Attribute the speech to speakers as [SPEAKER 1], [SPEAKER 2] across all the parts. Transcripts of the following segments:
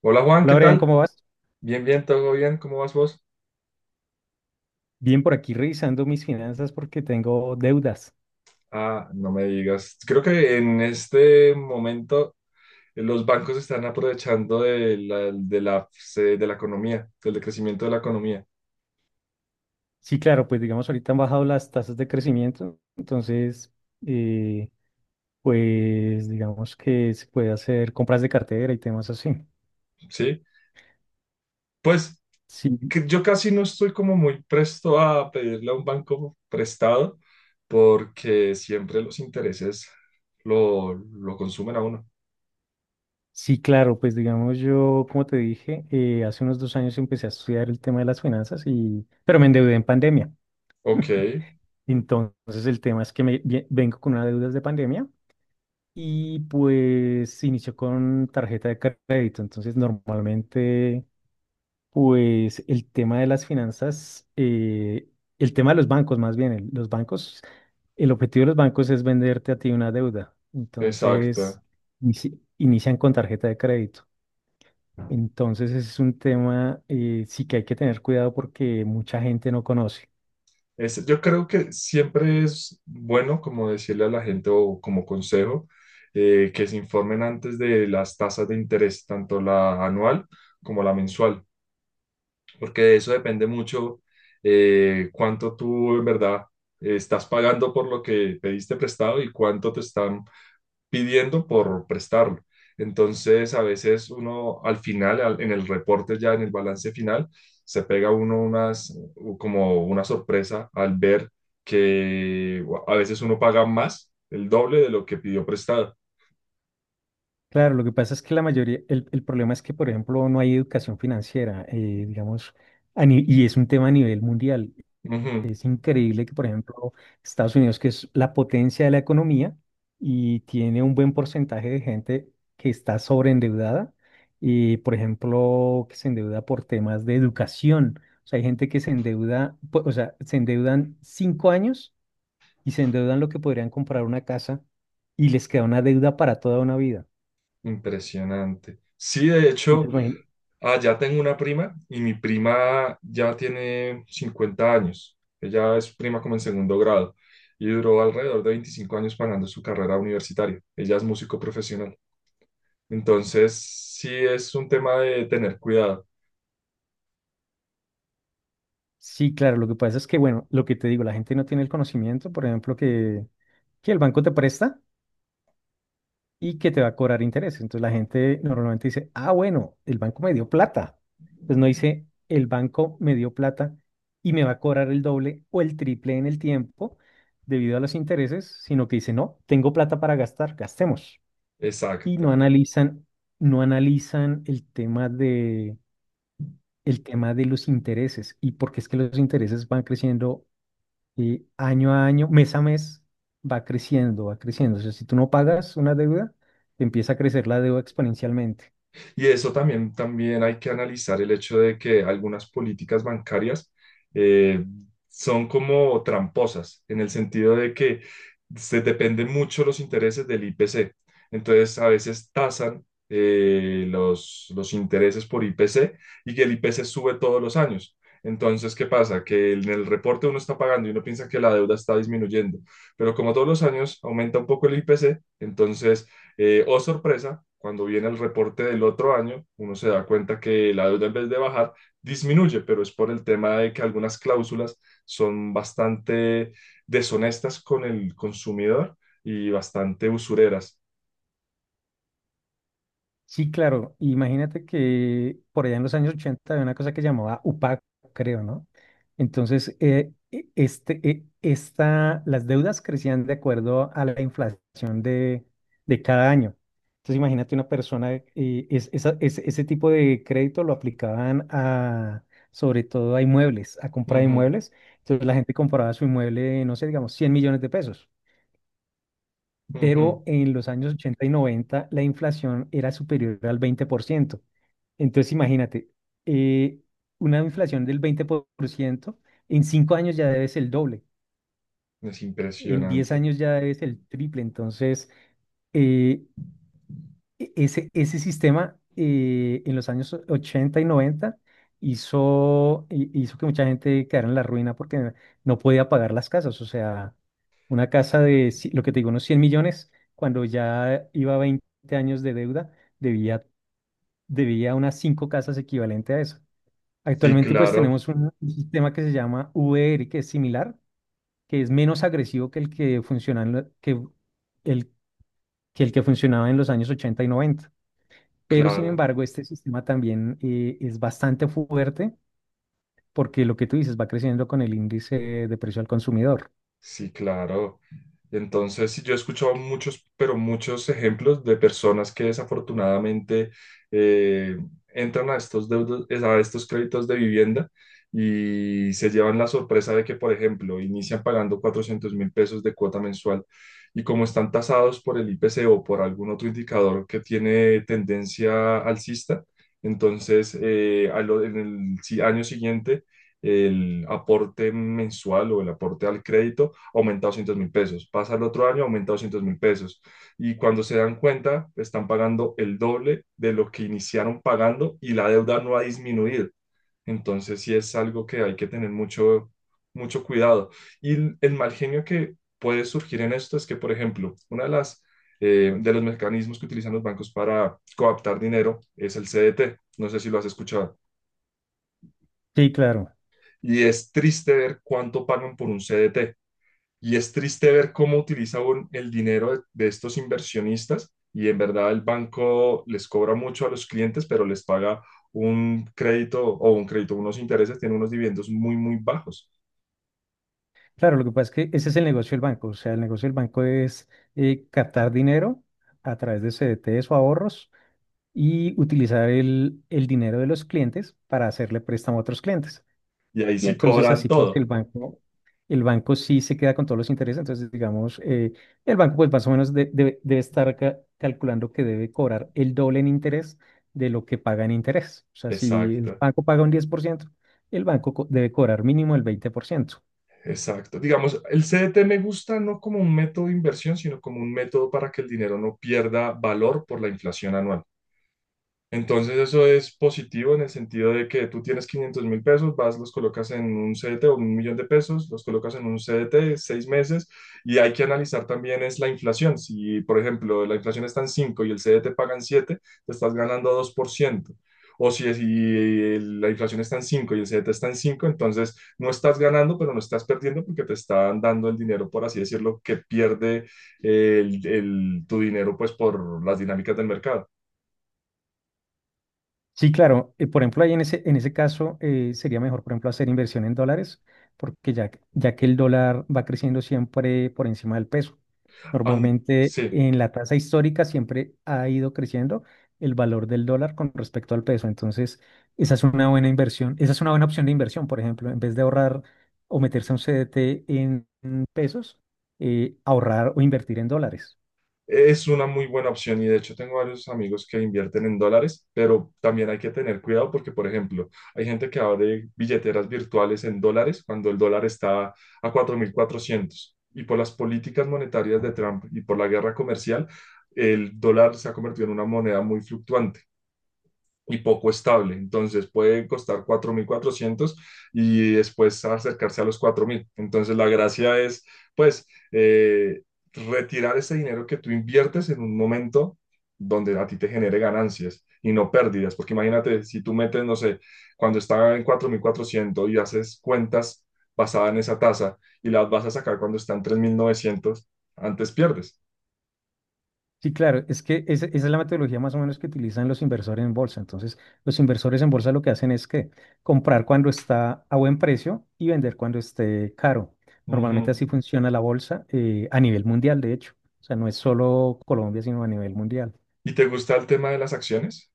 [SPEAKER 1] Hola Juan,
[SPEAKER 2] Hola,
[SPEAKER 1] ¿qué
[SPEAKER 2] Brian,
[SPEAKER 1] tal?
[SPEAKER 2] ¿cómo vas?
[SPEAKER 1] Bien, bien, todo bien, ¿cómo vas vos?
[SPEAKER 2] Bien, por aquí revisando mis finanzas porque tengo deudas.
[SPEAKER 1] Ah, no me digas. Creo que en este momento los bancos están aprovechando de la economía, del decrecimiento de la economía,
[SPEAKER 2] Sí, claro, pues digamos, ahorita han bajado las tasas de crecimiento, entonces, eh, pues digamos que se puede hacer compras de cartera y temas así.
[SPEAKER 1] ¿sí? Pues
[SPEAKER 2] Sí,
[SPEAKER 1] que yo casi no estoy como muy presto a pedirle a un banco prestado porque siempre los intereses lo consumen a uno.
[SPEAKER 2] sí, claro, pues digamos, yo, como te dije, hace unos 2 años empecé a estudiar el tema de las finanzas y, pero me endeudé en pandemia.
[SPEAKER 1] Ok,
[SPEAKER 2] Entonces, el tema es que vengo con una deuda de pandemia y pues se inició con tarjeta de crédito. Entonces, normalmente, pues el tema de las finanzas, el tema de los bancos más bien, los bancos, el objetivo de los bancos es venderte a ti una deuda. Entonces,
[SPEAKER 1] exacto.
[SPEAKER 2] inician con tarjeta de crédito. Entonces, ese es un tema sí que hay que tener cuidado porque mucha gente no conoce.
[SPEAKER 1] Yo creo que siempre es bueno como decirle a la gente o como consejo, que se informen antes de las tasas de interés, tanto la anual como la mensual, porque de eso depende mucho cuánto tú en verdad estás pagando por lo que pediste prestado y cuánto te están pidiendo por prestarlo. Entonces, a veces uno al final, en el reporte ya, en el balance final, se pega uno unas, como una sorpresa al ver que a veces uno paga más, el doble de lo que pidió prestado.
[SPEAKER 2] Claro, lo que pasa es que la mayoría, el problema es que, por ejemplo, no hay educación financiera, digamos, a ni- y es un tema a nivel mundial.
[SPEAKER 1] Ujú.
[SPEAKER 2] Es increíble que, por ejemplo, Estados Unidos, que es la potencia de la economía y tiene un buen porcentaje de gente que está sobreendeudada y, por ejemplo, que se endeuda por temas de educación. O sea, hay gente que se endeuda, o sea, se endeudan 5 años y se endeudan lo que podrían comprar una casa y les queda una deuda para toda una vida.
[SPEAKER 1] Impresionante. Sí, de hecho, allá tengo una prima y mi prima ya tiene 50 años. Ella es prima como en segundo grado y duró alrededor de 25 años pagando su carrera universitaria. Ella es músico profesional. Entonces, sí es un tema de tener cuidado.
[SPEAKER 2] Sí, claro, lo que pasa es que, bueno, lo que te digo, la gente no tiene el conocimiento, por ejemplo, que, el banco te presta y que te va a cobrar interés. Entonces la gente normalmente dice, ah, bueno, el banco me dio plata. Pues no dice, el banco me dio plata y me va a cobrar el doble o el triple en el tiempo debido a los intereses, sino que dice, no, tengo plata para gastar, gastemos. Y
[SPEAKER 1] Exacto.
[SPEAKER 2] no analizan el tema de los intereses y porque es que los intereses van creciendo y año a año, mes a mes, va creciendo, va creciendo. O sea, si tú no pagas una deuda, empieza a crecer la deuda exponencialmente.
[SPEAKER 1] Y eso también, también hay que analizar el hecho de que algunas políticas bancarias eh, son como tramposas, en el sentido de que se dependen mucho los intereses del IPC. Entonces, a veces tasan los intereses por IPC y que el IPC sube todos los años. Entonces, ¿qué pasa? Que en el reporte uno está pagando y uno piensa que la deuda está disminuyendo, pero como todos los años aumenta un poco el IPC, entonces, oh sorpresa, cuando viene el reporte del otro año, uno se da cuenta que la deuda en vez de bajar, disminuye, pero es por el tema de que algunas cláusulas son bastante deshonestas con el consumidor y bastante usureras.
[SPEAKER 2] Sí, claro. Imagínate que por allá en los años 80 había una cosa que llamaba UPAC, creo, ¿no? Entonces, las deudas crecían de acuerdo a la inflación de cada año. Entonces, imagínate una persona, ese tipo de crédito lo aplicaban a, sobre todo a inmuebles, a compra de inmuebles. Entonces, la gente compraba su inmueble, no sé, digamos, 100 millones de pesos,
[SPEAKER 1] Ujú, ujú.
[SPEAKER 2] pero en los años 80 y 90 la inflación era superior al 20%. Entonces, imagínate, eh, una inflación del 20% en 5 años ya debes el doble,
[SPEAKER 1] Es
[SPEAKER 2] en 10
[SPEAKER 1] impresionante.
[SPEAKER 2] años ya debes el triple. Entonces, eh, e- Ese sistema en los años 80 y 90 hizo, hizo que mucha gente quedara en la ruina porque no podía pagar las casas. O sea, una casa de, lo que te digo, unos 100 millones, cuando ya iba a 20 años de deuda, debía, debía unas 5 casas equivalente a eso.
[SPEAKER 1] Sí,
[SPEAKER 2] Actualmente pues
[SPEAKER 1] claro,
[SPEAKER 2] tenemos un sistema que se llama VR, que es similar, que es menos agresivo que el que funciona en lo- que, el, que el que funcionaba en los años 80 y noventa, pero sin
[SPEAKER 1] claro.
[SPEAKER 2] embargo, este sistema también es bastante fuerte porque lo que tú dices va creciendo con el índice de precio al consumidor.
[SPEAKER 1] Sí, claro. Entonces, sí, yo he escuchado muchos, pero muchos ejemplos de personas que desafortunadamente eh, entran a estos deudos, a estos créditos de vivienda y se llevan la sorpresa de que, por ejemplo, inician pagando 400 mil pesos de cuota mensual y como están tasados por el IPC o por algún otro indicador que tiene tendencia alcista, entonces en el año siguiente el aporte mensual o el aporte al crédito aumenta 200 mil pesos, pasa el otro año, aumenta 200 mil pesos. Y cuando se dan cuenta, están pagando el doble de lo que iniciaron pagando y la deuda no ha disminuido. Entonces sí es algo que hay que tener mucho, mucho cuidado. Y el mal genio que puede surgir en esto es que, por ejemplo, una de las... de los mecanismos que utilizan los bancos para coaptar dinero es el CDT. No sé si lo has escuchado.
[SPEAKER 2] Sí, claro.
[SPEAKER 1] Y es triste ver cuánto pagan por un CDT. Y es triste ver cómo utilizan el dinero de estos inversionistas y en verdad el banco les cobra mucho a los clientes, pero les paga un crédito o un crédito, unos intereses, tiene unos dividendos muy, muy bajos.
[SPEAKER 2] Claro, lo que pasa es que ese es el negocio del banco. O sea, el negocio del banco es captar dinero a través de CDTs o ahorros y utilizar el dinero de los clientes para hacerle préstamo a otros clientes.
[SPEAKER 1] Y ahí
[SPEAKER 2] Y
[SPEAKER 1] sí
[SPEAKER 2] entonces
[SPEAKER 1] cobran
[SPEAKER 2] así pues
[SPEAKER 1] todo.
[SPEAKER 2] el banco sí se queda con todos los intereses, entonces digamos, el banco pues más o menos debe estar calculando que debe cobrar el doble en interés de lo que paga en interés. O sea, si el
[SPEAKER 1] Exacto,
[SPEAKER 2] banco paga un 10%, el banco debe cobrar mínimo el 20%.
[SPEAKER 1] exacto. Digamos, el CDT me gusta no como un método de inversión, sino como un método para que el dinero no pierda valor por la inflación anual. Entonces eso es positivo en el sentido de que tú tienes 500 mil pesos, vas, los colocas en un CDT o un millón de pesos, los colocas en un CDT seis meses y hay que analizar también es la inflación. Si, por ejemplo, la inflación está en 5 y el CDT paga en 7, te estás ganando dos por ciento. O si, si la inflación está en 5 y el CDT está en 5, entonces no estás ganando, pero no estás perdiendo porque te están dando el dinero, por así decirlo, que pierde tu dinero pues por las dinámicas del mercado.
[SPEAKER 2] Sí, claro. Por ejemplo, ahí en ese caso sería mejor, por ejemplo, hacer inversión en dólares, porque ya, ya que el dólar va creciendo siempre por encima del peso. Normalmente
[SPEAKER 1] Sí.
[SPEAKER 2] en la tasa histórica siempre ha ido creciendo el valor del dólar con respecto al peso. Entonces, esa es una buena inversión, esa es una buena opción de inversión, por ejemplo, en vez de ahorrar o meterse a un CDT en pesos, ahorrar o invertir en dólares.
[SPEAKER 1] Es una muy buena opción y de hecho tengo varios amigos que invierten en dólares, pero también hay que tener cuidado porque, por ejemplo, hay gente que abre billeteras virtuales en dólares cuando el dólar está a 4.400 y por las políticas monetarias de Trump y por la guerra comercial, el dólar se ha convertido en una moneda muy fluctuante y poco estable. Entonces puede costar 4.400 y después acercarse a los cuatro mil. Entonces la gracia es, pues, eh, retirar ese dinero que tú inviertes en un momento donde a ti te genere ganancias y no pérdidas. Porque imagínate, si tú metes, no sé, cuando está en 4.400 y haces cuentas basadas en esa tasa y las vas a sacar cuando está en 3.900 antes pierdes.
[SPEAKER 2] Sí, claro, es que esa es la metodología más o menos que utilizan los inversores en bolsa. Entonces, los inversores en bolsa lo que hacen es que comprar cuando está a buen precio y vender cuando esté caro.
[SPEAKER 1] Uh
[SPEAKER 2] Normalmente
[SPEAKER 1] -huh.
[SPEAKER 2] así funciona la bolsa a nivel mundial, de hecho. O sea, no es solo Colombia, sino a nivel mundial.
[SPEAKER 1] ¿Y te gusta el tema de las acciones?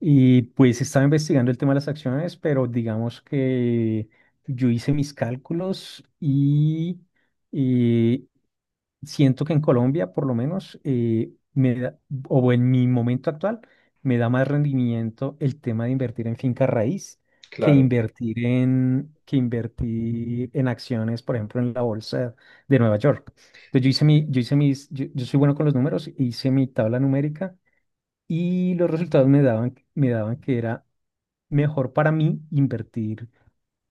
[SPEAKER 2] Y pues estaba investigando el tema de las acciones, pero digamos que yo hice mis cálculos y siento que en Colombia, por lo menos, o en mi momento actual, me da más rendimiento el tema de invertir en finca raíz
[SPEAKER 1] Claro,
[SPEAKER 2] que invertir en acciones, por ejemplo, en la bolsa de Nueva York. Entonces, yo hice mi, yo hice mis, yo soy bueno con los números, hice mi tabla numérica y los resultados me daban que era mejor para mí invertir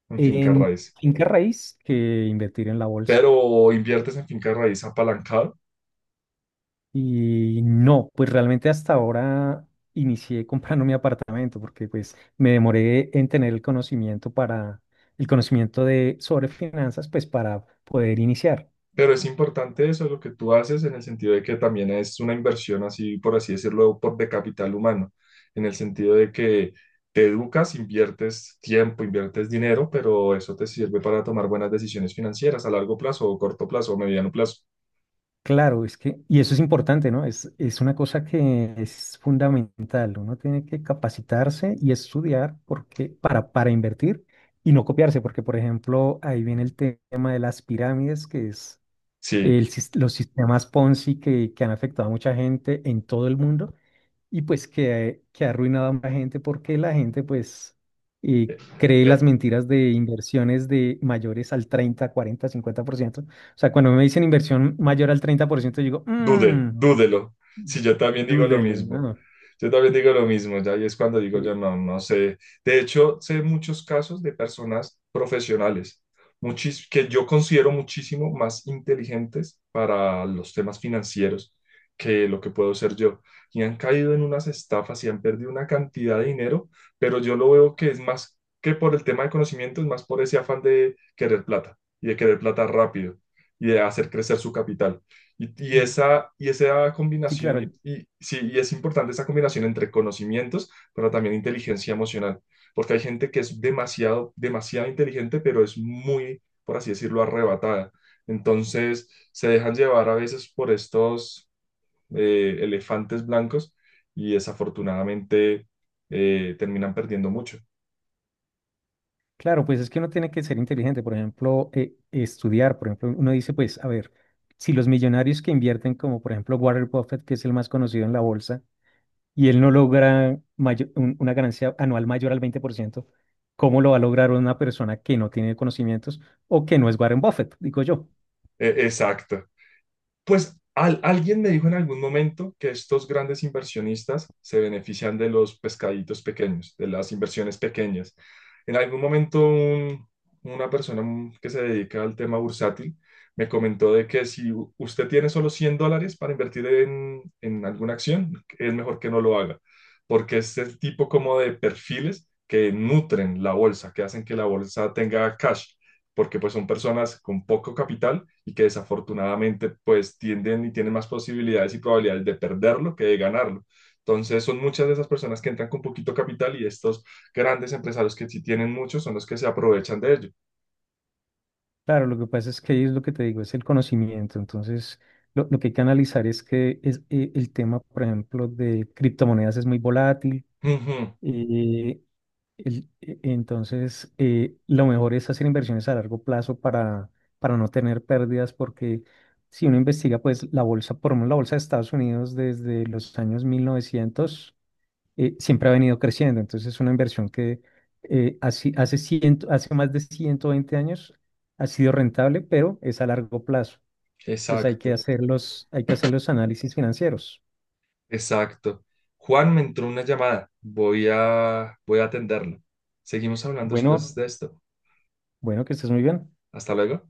[SPEAKER 1] en Finca
[SPEAKER 2] en
[SPEAKER 1] Raíz.
[SPEAKER 2] finca raíz que invertir en la bolsa.
[SPEAKER 1] Pero inviertes en finca raíz apalancado.
[SPEAKER 2] Y no, pues realmente hasta ahora inicié comprando mi apartamento porque pues me demoré en tener el conocimiento para el conocimiento de sobre finanzas pues para poder iniciar.
[SPEAKER 1] Pero es importante eso, lo que tú haces, en el sentido de que también es una inversión, así por así decirlo, por, de capital humano, en el sentido de que te educas, inviertes tiempo, inviertes dinero, pero eso te sirve para tomar buenas decisiones financieras a largo plazo, o corto plazo, o mediano plazo.
[SPEAKER 2] Claro, es que y eso es importante, ¿no? Es una cosa que es fundamental. Uno tiene que capacitarse y estudiar porque para invertir y no copiarse, porque por ejemplo, ahí viene el tema de las pirámides que es
[SPEAKER 1] Sí,
[SPEAKER 2] los sistemas Ponzi que, han afectado a mucha gente en todo el mundo y pues que, ha arruinado a mucha gente porque la gente pues eh, cree las mentiras de inversiones de mayores al 30, 40, 50%. O sea, cuando me dicen inversión mayor al 30%, yo digo,
[SPEAKER 1] dude, dúdelo. Si yo también digo lo
[SPEAKER 2] dúdelo,
[SPEAKER 1] mismo.
[SPEAKER 2] ¿no?
[SPEAKER 1] Yo también digo lo mismo, ya, y es cuando digo
[SPEAKER 2] Eh,
[SPEAKER 1] yo no, no sé. De hecho, sé muchos casos de personas profesionales, que yo considero muchísimo más inteligentes para los temas financieros que lo que puedo ser yo. Y han caído en unas estafas y han perdido una cantidad de dinero, pero yo lo veo que es más que por el tema de conocimiento, es más por ese afán de querer plata y de querer plata rápido y de hacer crecer su capital.
[SPEAKER 2] y,
[SPEAKER 1] Y esa
[SPEAKER 2] sí, claro.
[SPEAKER 1] combinación, y sí, y es importante esa combinación entre conocimientos, pero también inteligencia emocional, porque hay gente que es demasiado, demasiado inteligente, pero es muy, por así decirlo, arrebatada. Entonces, se dejan llevar a veces por estos elefantes blancos y desafortunadamente terminan perdiendo mucho.
[SPEAKER 2] Claro, pues es que uno tiene que ser inteligente, por ejemplo, estudiar, por ejemplo, uno dice, pues, a ver, si los millonarios que invierten, como por ejemplo Warren Buffett, que es el más conocido en la bolsa, y él no logra una ganancia anual mayor al 20%, ¿cómo lo va a lograr una persona que no tiene conocimientos o que no es Warren Buffett? Digo yo.
[SPEAKER 1] Exacto. Pues alguien me dijo en algún momento que estos grandes inversionistas se benefician de los pescaditos pequeños, de las inversiones pequeñas. En algún momento una persona, que se dedica al tema bursátil me comentó de que si usted tiene solo 100 dólares para invertir en alguna acción, es mejor que no lo haga, porque es el tipo como de perfiles que nutren la bolsa, que hacen que la bolsa tenga cash porque pues son personas con poco capital y que desafortunadamente pues tienden y tienen más posibilidades y probabilidades de perderlo que de ganarlo. Entonces son muchas de esas personas que entran con poquito capital y estos grandes empresarios que sí tienen muchos son los que se aprovechan de ello.
[SPEAKER 2] Claro, lo que pasa es que ahí es lo que te digo, es el conocimiento. Entonces, lo que hay que analizar es que es, el tema, por ejemplo, de criptomonedas es muy volátil.
[SPEAKER 1] Ujú,
[SPEAKER 2] Eh, entonces, lo mejor es hacer inversiones a largo plazo para, no tener pérdidas, porque si uno investiga, pues la bolsa, por lo menos la bolsa de Estados Unidos desde los años 1900, siempre ha venido creciendo. Entonces, es una inversión que hace más de 120 años ha sido rentable, pero es a largo plazo. Entonces, hay que
[SPEAKER 1] exacto,
[SPEAKER 2] hacer los, hay que hacer los análisis financieros.
[SPEAKER 1] exacto. Juan, me entró una llamada. Voy a, voy a atenderla. Seguimos hablando después
[SPEAKER 2] Bueno,
[SPEAKER 1] de esto.
[SPEAKER 2] bueno, que estés muy bien.
[SPEAKER 1] Hasta luego.